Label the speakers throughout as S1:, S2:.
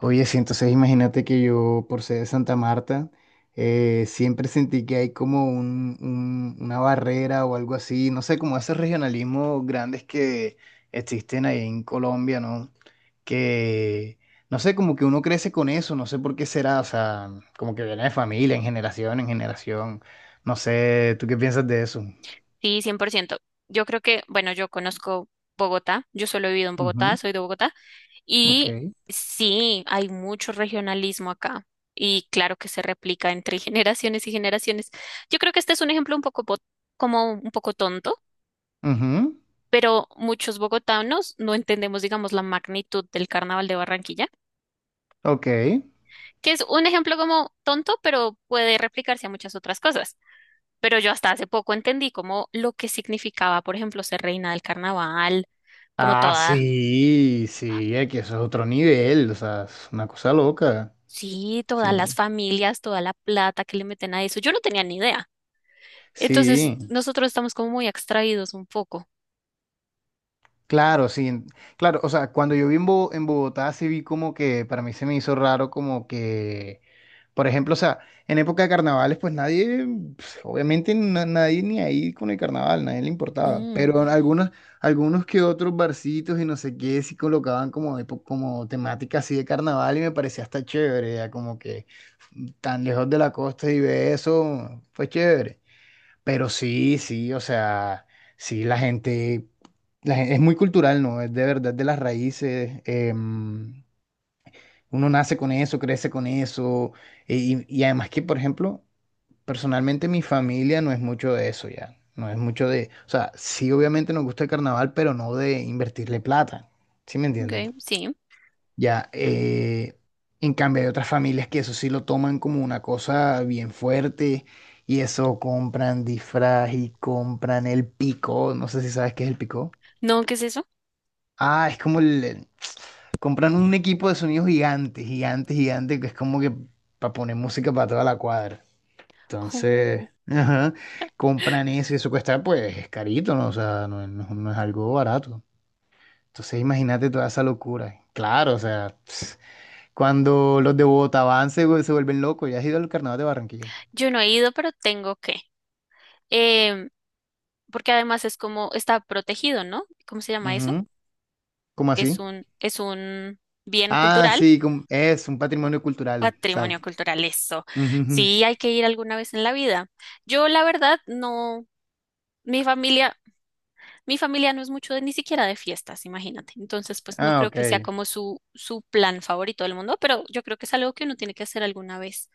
S1: Oye, sí, entonces imagínate que yo, por ser de Santa Marta, siempre sentí que hay como una barrera o algo así, no sé, como esos regionalismos grandes que existen ahí en Colombia, ¿no? Que, no sé, como que uno crece con eso, no sé por qué será, o sea, como que viene de familia, en generación, no sé, ¿tú qué piensas de eso?
S2: Sí, 100%. Yo creo que, bueno, yo conozco Bogotá, yo solo he vivido en Bogotá,
S1: Ujú.
S2: soy de Bogotá, y
S1: Ok.
S2: sí, hay mucho regionalismo acá, y claro que se replica entre generaciones y generaciones. Yo creo que este es un ejemplo un poco, como un poco tonto,
S1: Ujú,
S2: pero muchos bogotanos no entendemos, digamos, la magnitud del Carnaval de Barranquilla,
S1: ok.
S2: que es un ejemplo como tonto, pero puede replicarse a muchas otras cosas. Pero yo hasta hace poco entendí como lo que significaba, por ejemplo, ser reina del carnaval, como
S1: Ah,
S2: toda,
S1: sí, sí, es que eso es otro nivel, o sea, es una cosa loca.
S2: sí, todas las
S1: Sí.
S2: familias, toda la plata que le meten a eso. Yo no tenía ni idea. Entonces,
S1: Sí.
S2: nosotros estamos como muy extraídos un poco.
S1: Claro, sí, claro, o sea, cuando yo vi en, en Bogotá sí vi como que para mí se me hizo raro como que, por ejemplo, o sea, en época de carnavales pues nadie, pues, obviamente nadie ni ahí con el carnaval, nadie le importaba,
S2: Mm,
S1: pero en algunos, algunos que otros barcitos y no sé qué sí colocaban como, como temática así de carnaval y me parecía hasta chévere, ya como que tan lejos de la costa y ver eso fue chévere. Pero sí, sí, o sea, sí, la gente, es muy cultural, ¿no? Es de verdad de las raíces. Uno nace con eso, crece con eso. Y además que, por ejemplo, personalmente mi familia no es mucho de eso ya. No es mucho de, o sea, sí, obviamente nos gusta el carnaval, pero no de invertirle plata. ¿Sí me entienden?
S2: ok, sí.
S1: Ya, en cambio hay otras familias que eso sí lo toman como una cosa bien fuerte y eso compran disfraz y compran el picó, no sé si sabes qué es el picó.
S2: No, ¿qué es eso?
S1: Ah, es como el... Compran un equipo de sonido gigante, gigante, gigante, que es como que para poner música para toda la cuadra. Entonces,
S2: Uh,
S1: ajá, compran eso y eso cuesta pues es carito, ¿no? O sea, no, no es algo barato. Entonces imagínate toda esa locura. Claro, o sea... Cuando los de Bogotá van, se, se vuelven locos. ¿Ya has ido al carnaval de Barranquilla?
S2: yo no he ido, pero tengo que. Em, Porque además es como, está protegido, ¿no? ¿Cómo se llama eso?
S1: Ujú. ¿Cómo
S2: Es
S1: así?
S2: un, es un bien
S1: Ah,
S2: cultural.
S1: sí, es un patrimonio cultural,
S2: Patrimonio
S1: exacto.
S2: cultural, eso.
S1: Ujú, ujú.
S2: Sí, hay que ir alguna vez en la vida. Yo, la verdad, no, mi familia, mi familia no es mucho de ni siquiera de fiestas, imagínate. Entonces, pues no
S1: Ah,
S2: creo que sea
S1: ok.
S2: como su plan favorito del mundo, pero yo creo que es algo que uno tiene que hacer alguna vez.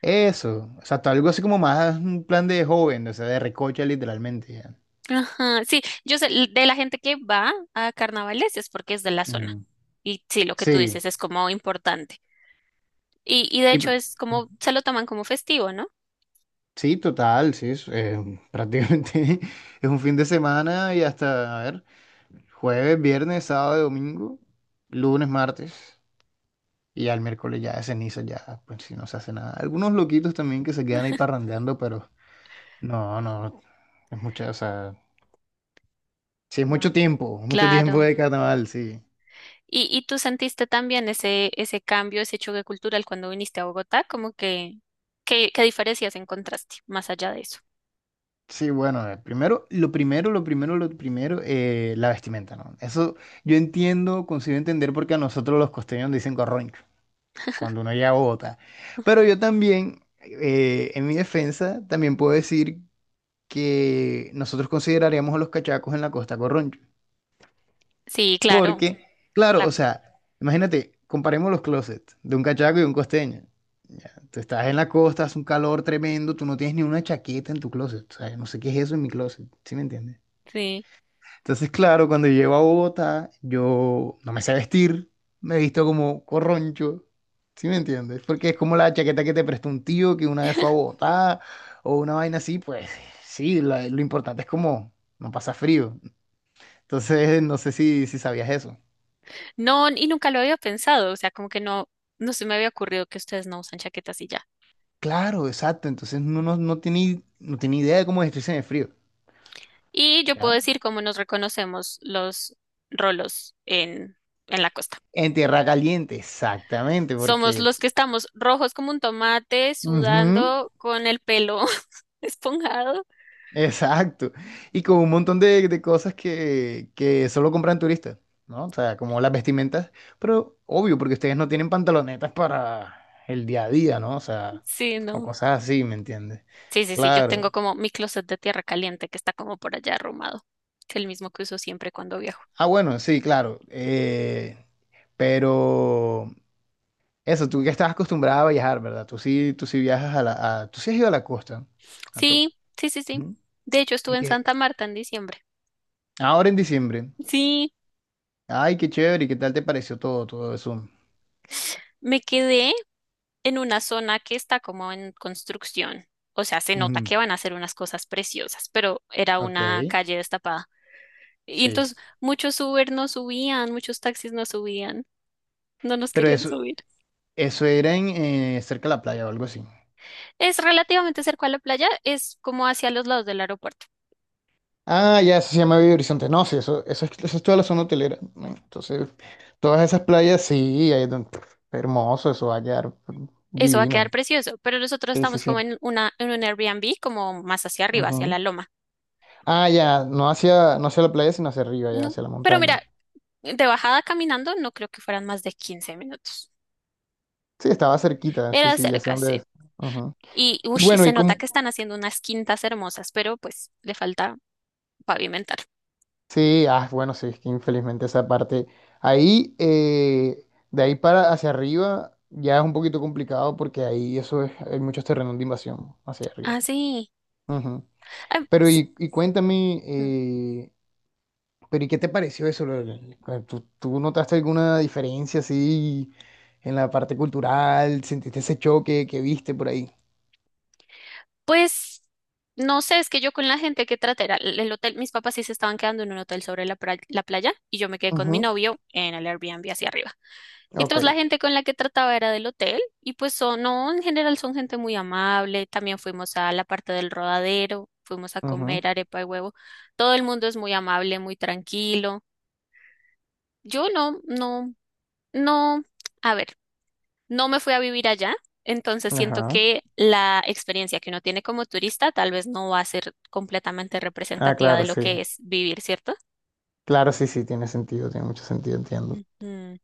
S1: Eso, exacto, algo así como más un plan de joven, o sea, de recocha literalmente. Ya.
S2: Ajá, sí, yo sé, de la gente que va a carnavales es porque es de la zona.
S1: Ujú.
S2: Y sí, lo que tú
S1: Sí,
S2: dices es como importante. Y de
S1: sí,
S2: hecho es como, se lo toman como festivo, ¿no?
S1: sí, total, sí, es, prácticamente es un fin de semana y hasta, a ver, jueves, viernes, sábado, domingo, lunes, martes. Y ya el miércoles ya de ceniza, ya, pues si no se hace nada. Algunos loquitos también que se quedan ahí parrandeando, pero no, no, es mucho, o sea, sí, es
S2: Wow.
S1: mucho tiempo
S2: Claro.
S1: de carnaval, sí.
S2: Y tú sentiste también ese cambio, ese choque cultural cuando viniste a Bogotá? Como que, qué diferencias encontraste más allá de eso?
S1: Sí, bueno, primero, lo primero, la vestimenta, ¿no? Eso yo entiendo, consigo entender porque a nosotros los costeños dicen corroncho cuando uno llega a Bogotá. Pero yo también, en mi defensa, también puedo decir que nosotros consideraríamos a los cachacos en la costa corroncho.
S2: Sí, claro,
S1: Porque, claro, o
S2: la-
S1: sea, imagínate, comparemos los closets de un cachaco y un costeño. Ya, tú estás en la costa, hace un calor tremendo, tú no tienes ni una chaqueta en tu closet. O sea, yo no sé qué es eso en mi closet, ¿sí me entiendes?
S2: sí.
S1: Entonces, claro, cuando llego a Bogotá, yo no me sé vestir, me visto como corroncho, ¿sí me entiendes? Porque es como la chaqueta que te prestó un tío que una vez fue a Bogotá o una vaina así, pues sí, lo importante es como no pasa frío. Entonces, no sé si, si sabías eso.
S2: No, y nunca lo había pensado, o sea, como que no, no se me había ocurrido que ustedes no usan chaquetas y ya.
S1: Claro, exacto. Entonces no, no, no tiene, no tiene idea de cómo vestirse en el frío.
S2: Y yo puedo
S1: ¿Ya?
S2: decir cómo nos reconocemos los rolos en la costa.
S1: En tierra caliente, exactamente,
S2: Somos
S1: porque...
S2: los que estamos rojos como un tomate,
S1: Ujú,
S2: sudando con el pelo esponjado.
S1: exacto. Y con un montón de cosas que solo compran turistas, ¿no? O sea, como las vestimentas, pero obvio, porque ustedes no tienen pantalonetas para el día a día, ¿no? O sea,
S2: Sí,
S1: o
S2: no.
S1: cosas así, ¿me entiendes?
S2: Sí, sí, sí, yo
S1: Claro.
S2: tengo como mi closet de tierra caliente que está como por allá arrumado. Es el mismo que uso siempre cuando viajo.
S1: Ah, bueno, sí, claro. Pero... Eso, tú que estás acostumbrada a viajar, ¿verdad? Tú sí viajas a la... tú sí has ido a la costa, a todo.
S2: Sí, sí, sí, sí.
S1: Ujú.
S2: De hecho, estuve
S1: Y
S2: en
S1: que
S2: Santa Marta en diciembre.
S1: ahora en diciembre.
S2: Sí,
S1: Ay, qué chévere, ¿y qué tal te pareció todo, todo eso?
S2: me quedé en una zona que está como en construcción. O sea, se nota
S1: Ujú.
S2: que van a hacer unas cosas preciosas, pero era
S1: Ok,
S2: una calle destapada. Y
S1: sí.
S2: entonces muchos Uber no subían, muchos taxis no subían, no nos
S1: Pero
S2: querían
S1: eso,
S2: subir.
S1: eso era en, cerca de la playa o algo así.
S2: Es relativamente cerca a la playa, es como hacia los lados del aeropuerto.
S1: Ah, ya, eso se llama Belo Horizonte. No, sí, eso, eso es toda la zona hotelera. ¿No? Entonces, todas esas playas, sí, ahí es donde- hermoso, eso va a quedar
S2: Eso va a quedar
S1: divino.
S2: precioso, pero nosotros
S1: Sí, sí,
S2: estamos
S1: sí.
S2: como en en un Airbnb, como más hacia arriba, hacia la loma.
S1: Ah, ya, no hacia, no hacia la playa, sino hacia arriba, ya,
S2: No,
S1: hacia la
S2: pero
S1: montaña.
S2: mira, de bajada caminando no creo que fueran más de 15 minutos.
S1: Sí, estaba cerquita, sí,
S2: Era
S1: sí, ya sé
S2: cerca,
S1: dónde es.
S2: sí.
S1: Ujú.
S2: Y,
S1: Y
S2: ush, y
S1: bueno,
S2: se
S1: y
S2: nota
S1: como,
S2: que están haciendo unas quintas hermosas, pero pues le falta pavimentar.
S1: sí, ah, bueno, sí, es que infelizmente esa parte. Ahí, de ahí para hacia arriba, ya es un poquito complicado porque ahí eso es, hay muchos terrenos de invasión hacia arriba.
S2: Ah, sí.
S1: Ujú.
S2: Ah,
S1: Pero
S2: ps-
S1: y cuéntame,
S2: mm,
S1: pero ¿y qué te pareció eso? ¿Tú, tú notaste alguna diferencia así en la parte cultural? ¿Sentiste ese choque que viste por ahí?
S2: pues no sé, es que yo con la gente que traté era el hotel, mis papás sí se estaban quedando en un hotel sobre la playa y yo me quedé con mi novio en el Airbnb hacia arriba. Y
S1: Ok.
S2: entonces la gente con la que trataba era del hotel y pues son, no, en general son gente muy amable. También fuimos a la parte del rodadero, fuimos a
S1: Ujú.
S2: comer arepa y huevo. Todo el mundo es muy amable, muy tranquilo. Yo no, no, no, a ver, no me fui a vivir allá, entonces siento
S1: Ajá.
S2: que la experiencia que uno tiene como turista tal vez no va a ser completamente
S1: Ah,
S2: representativa
S1: claro,
S2: de lo
S1: sí.
S2: que es vivir, ¿cierto?
S1: Claro, sí, sí, tiene sentido, tiene mucho sentido, entiendo.
S2: Ujú.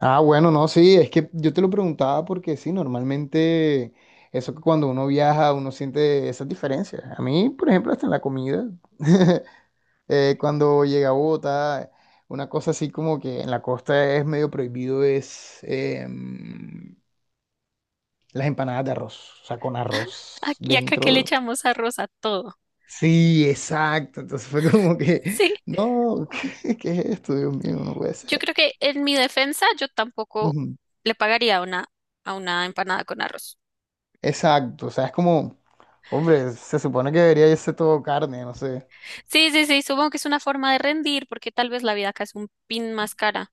S1: Ah, bueno, no, sí, es que yo te lo preguntaba porque sí, normalmente eso que cuando uno viaja uno siente esas diferencias. A mí, por ejemplo, hasta en la comida, cuando llega a Bogotá, una cosa así como que en la costa es medio prohibido es las empanadas de arroz, o sea, con arroz
S2: Aquí acá que le
S1: dentro.
S2: echamos arroz a todo.
S1: Sí, exacto. Entonces fue como que,
S2: Sí.
S1: no, ¿qué, qué es esto? Dios mío, no puede
S2: Yo
S1: ser.
S2: creo que en mi defensa yo tampoco
S1: Ujú.
S2: le pagaría a a una empanada con arroz.
S1: Exacto, o sea, es como, hombre, se supone que debería irse todo carne, no sé.
S2: Sí, sí, sí, supongo que es una forma de rendir porque tal vez la vida acá es un pin más cara,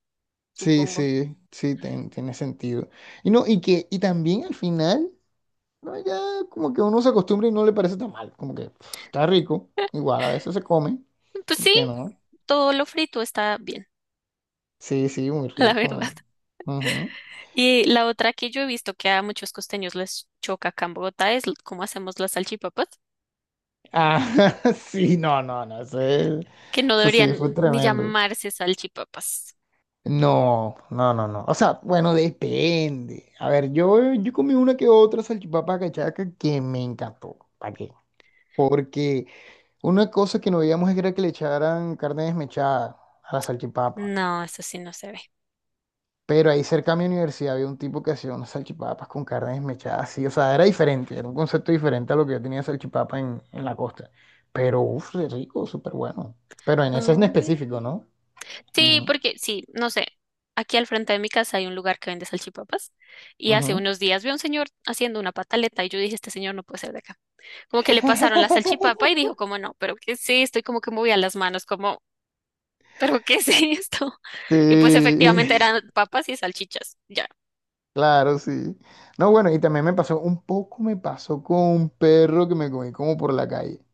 S1: Sí,
S2: supongo.
S1: sí, sí, tiene sentido. Y no, y que, y también al final, no, ya como que uno se acostumbra y no le parece tan mal, como que pf, está rico, igual a veces se come,
S2: Pues
S1: ¿por
S2: sí,
S1: qué no?
S2: todo lo frito está bien,
S1: Sí, sí, muy
S2: la verdad.
S1: rico. Ujú.
S2: Y la otra que yo he visto que a muchos costeños les choca acá en Bogotá es cómo hacemos las salchipapas,
S1: Ah, sí, no, no, no, eso,
S2: que no
S1: eso sí
S2: deberían
S1: fue
S2: ni
S1: tremendo.
S2: llamarse salchipapas.
S1: No, no, no, no. O sea, bueno, depende. A ver, yo comí una que otra salchipapa cachaca que me encantó. ¿Para qué? Porque una cosa que no veíamos era que le echaran carne desmechada a la salchipapa.
S2: No, eso sí no se ve.
S1: Pero ahí cerca a mi universidad había un tipo que hacía unas salchipapas con carne desmechada, sí. O sea, era diferente, era un concepto diferente a lo que yo tenía de salchipapa en la costa. Pero, uff, de rico, súper bueno. Pero en
S2: Ah,
S1: ese en
S2: ok.
S1: específico, ¿no?
S2: Sí,
S1: Ujú,
S2: porque sí, no sé. Aquí al frente de mi casa hay un lugar que vende salchipapas y hace
S1: ujú.
S2: unos días vi a un señor haciendo una pataleta y yo dije, este señor no puede ser de acá. Como que le pasaron la salchipapa y dijo, como no, pero que sí, estoy como que movía las manos, como, pero ¿qué es esto? Y pues efectivamente
S1: Sí.
S2: eran papas y salchichas. Ya.
S1: Claro, sí. No, bueno, y también me pasó, un poco me pasó con un perro que me comí como por la calle.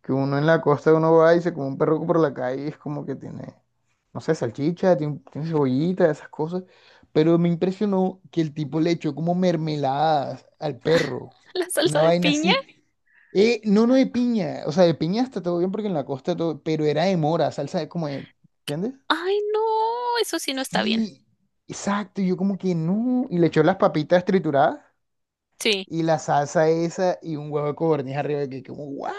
S1: Que uno en la costa uno va y se come un perro por la calle y es como que tiene, no sé, salchicha, tiene, tiene cebollita, esas cosas. Pero me impresionó que el tipo le echó como mermeladas al perro.
S2: La salsa
S1: Una
S2: de
S1: vaina
S2: piña.
S1: así. No, no de piña. O sea, de piña está todo bien porque en la costa todo, pero era de mora, salsa de como de, ¿entiendes?
S2: Ay, no, eso sí no está bien.
S1: Sí, exacto. Y yo como que no. Y le echó las papitas trituradas
S2: Sí.
S1: y la salsa esa y un huevo de codorniz arriba que como, ¿what?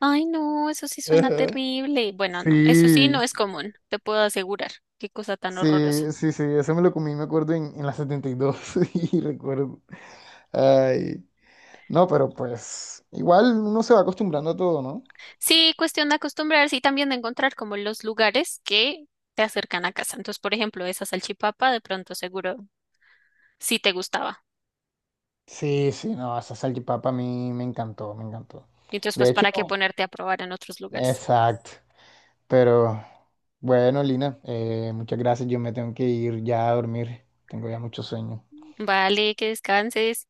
S2: Ay, no, eso sí suena
S1: Ajá.
S2: terrible. Bueno, no, eso sí
S1: Sí,
S2: no es común, te puedo asegurar. Qué cosa tan
S1: sí,
S2: horrorosa.
S1: sí, sí, eso me lo comí, me acuerdo, en la 72 y dos y recuerdo. Ay, no, pero pues igual uno se va acostumbrando a todo, ¿no?
S2: Sí, cuestión de acostumbrarse y también de encontrar como los lugares que te acercan a casa. Entonces, por ejemplo, esa salchipapa de pronto seguro sí te gustaba.
S1: Sí, sí, no, esa salchipapa a mí me encantó, me encantó.
S2: Y entonces, pues,
S1: De hecho,
S2: ¿para qué ponerte a probar en otros lugares?
S1: exacto, pero bueno, Lina, muchas gracias, yo me tengo que ir ya a dormir, tengo ya mucho sueño.
S2: Vale, que descanses.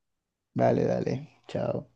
S1: Vale, dale, chao.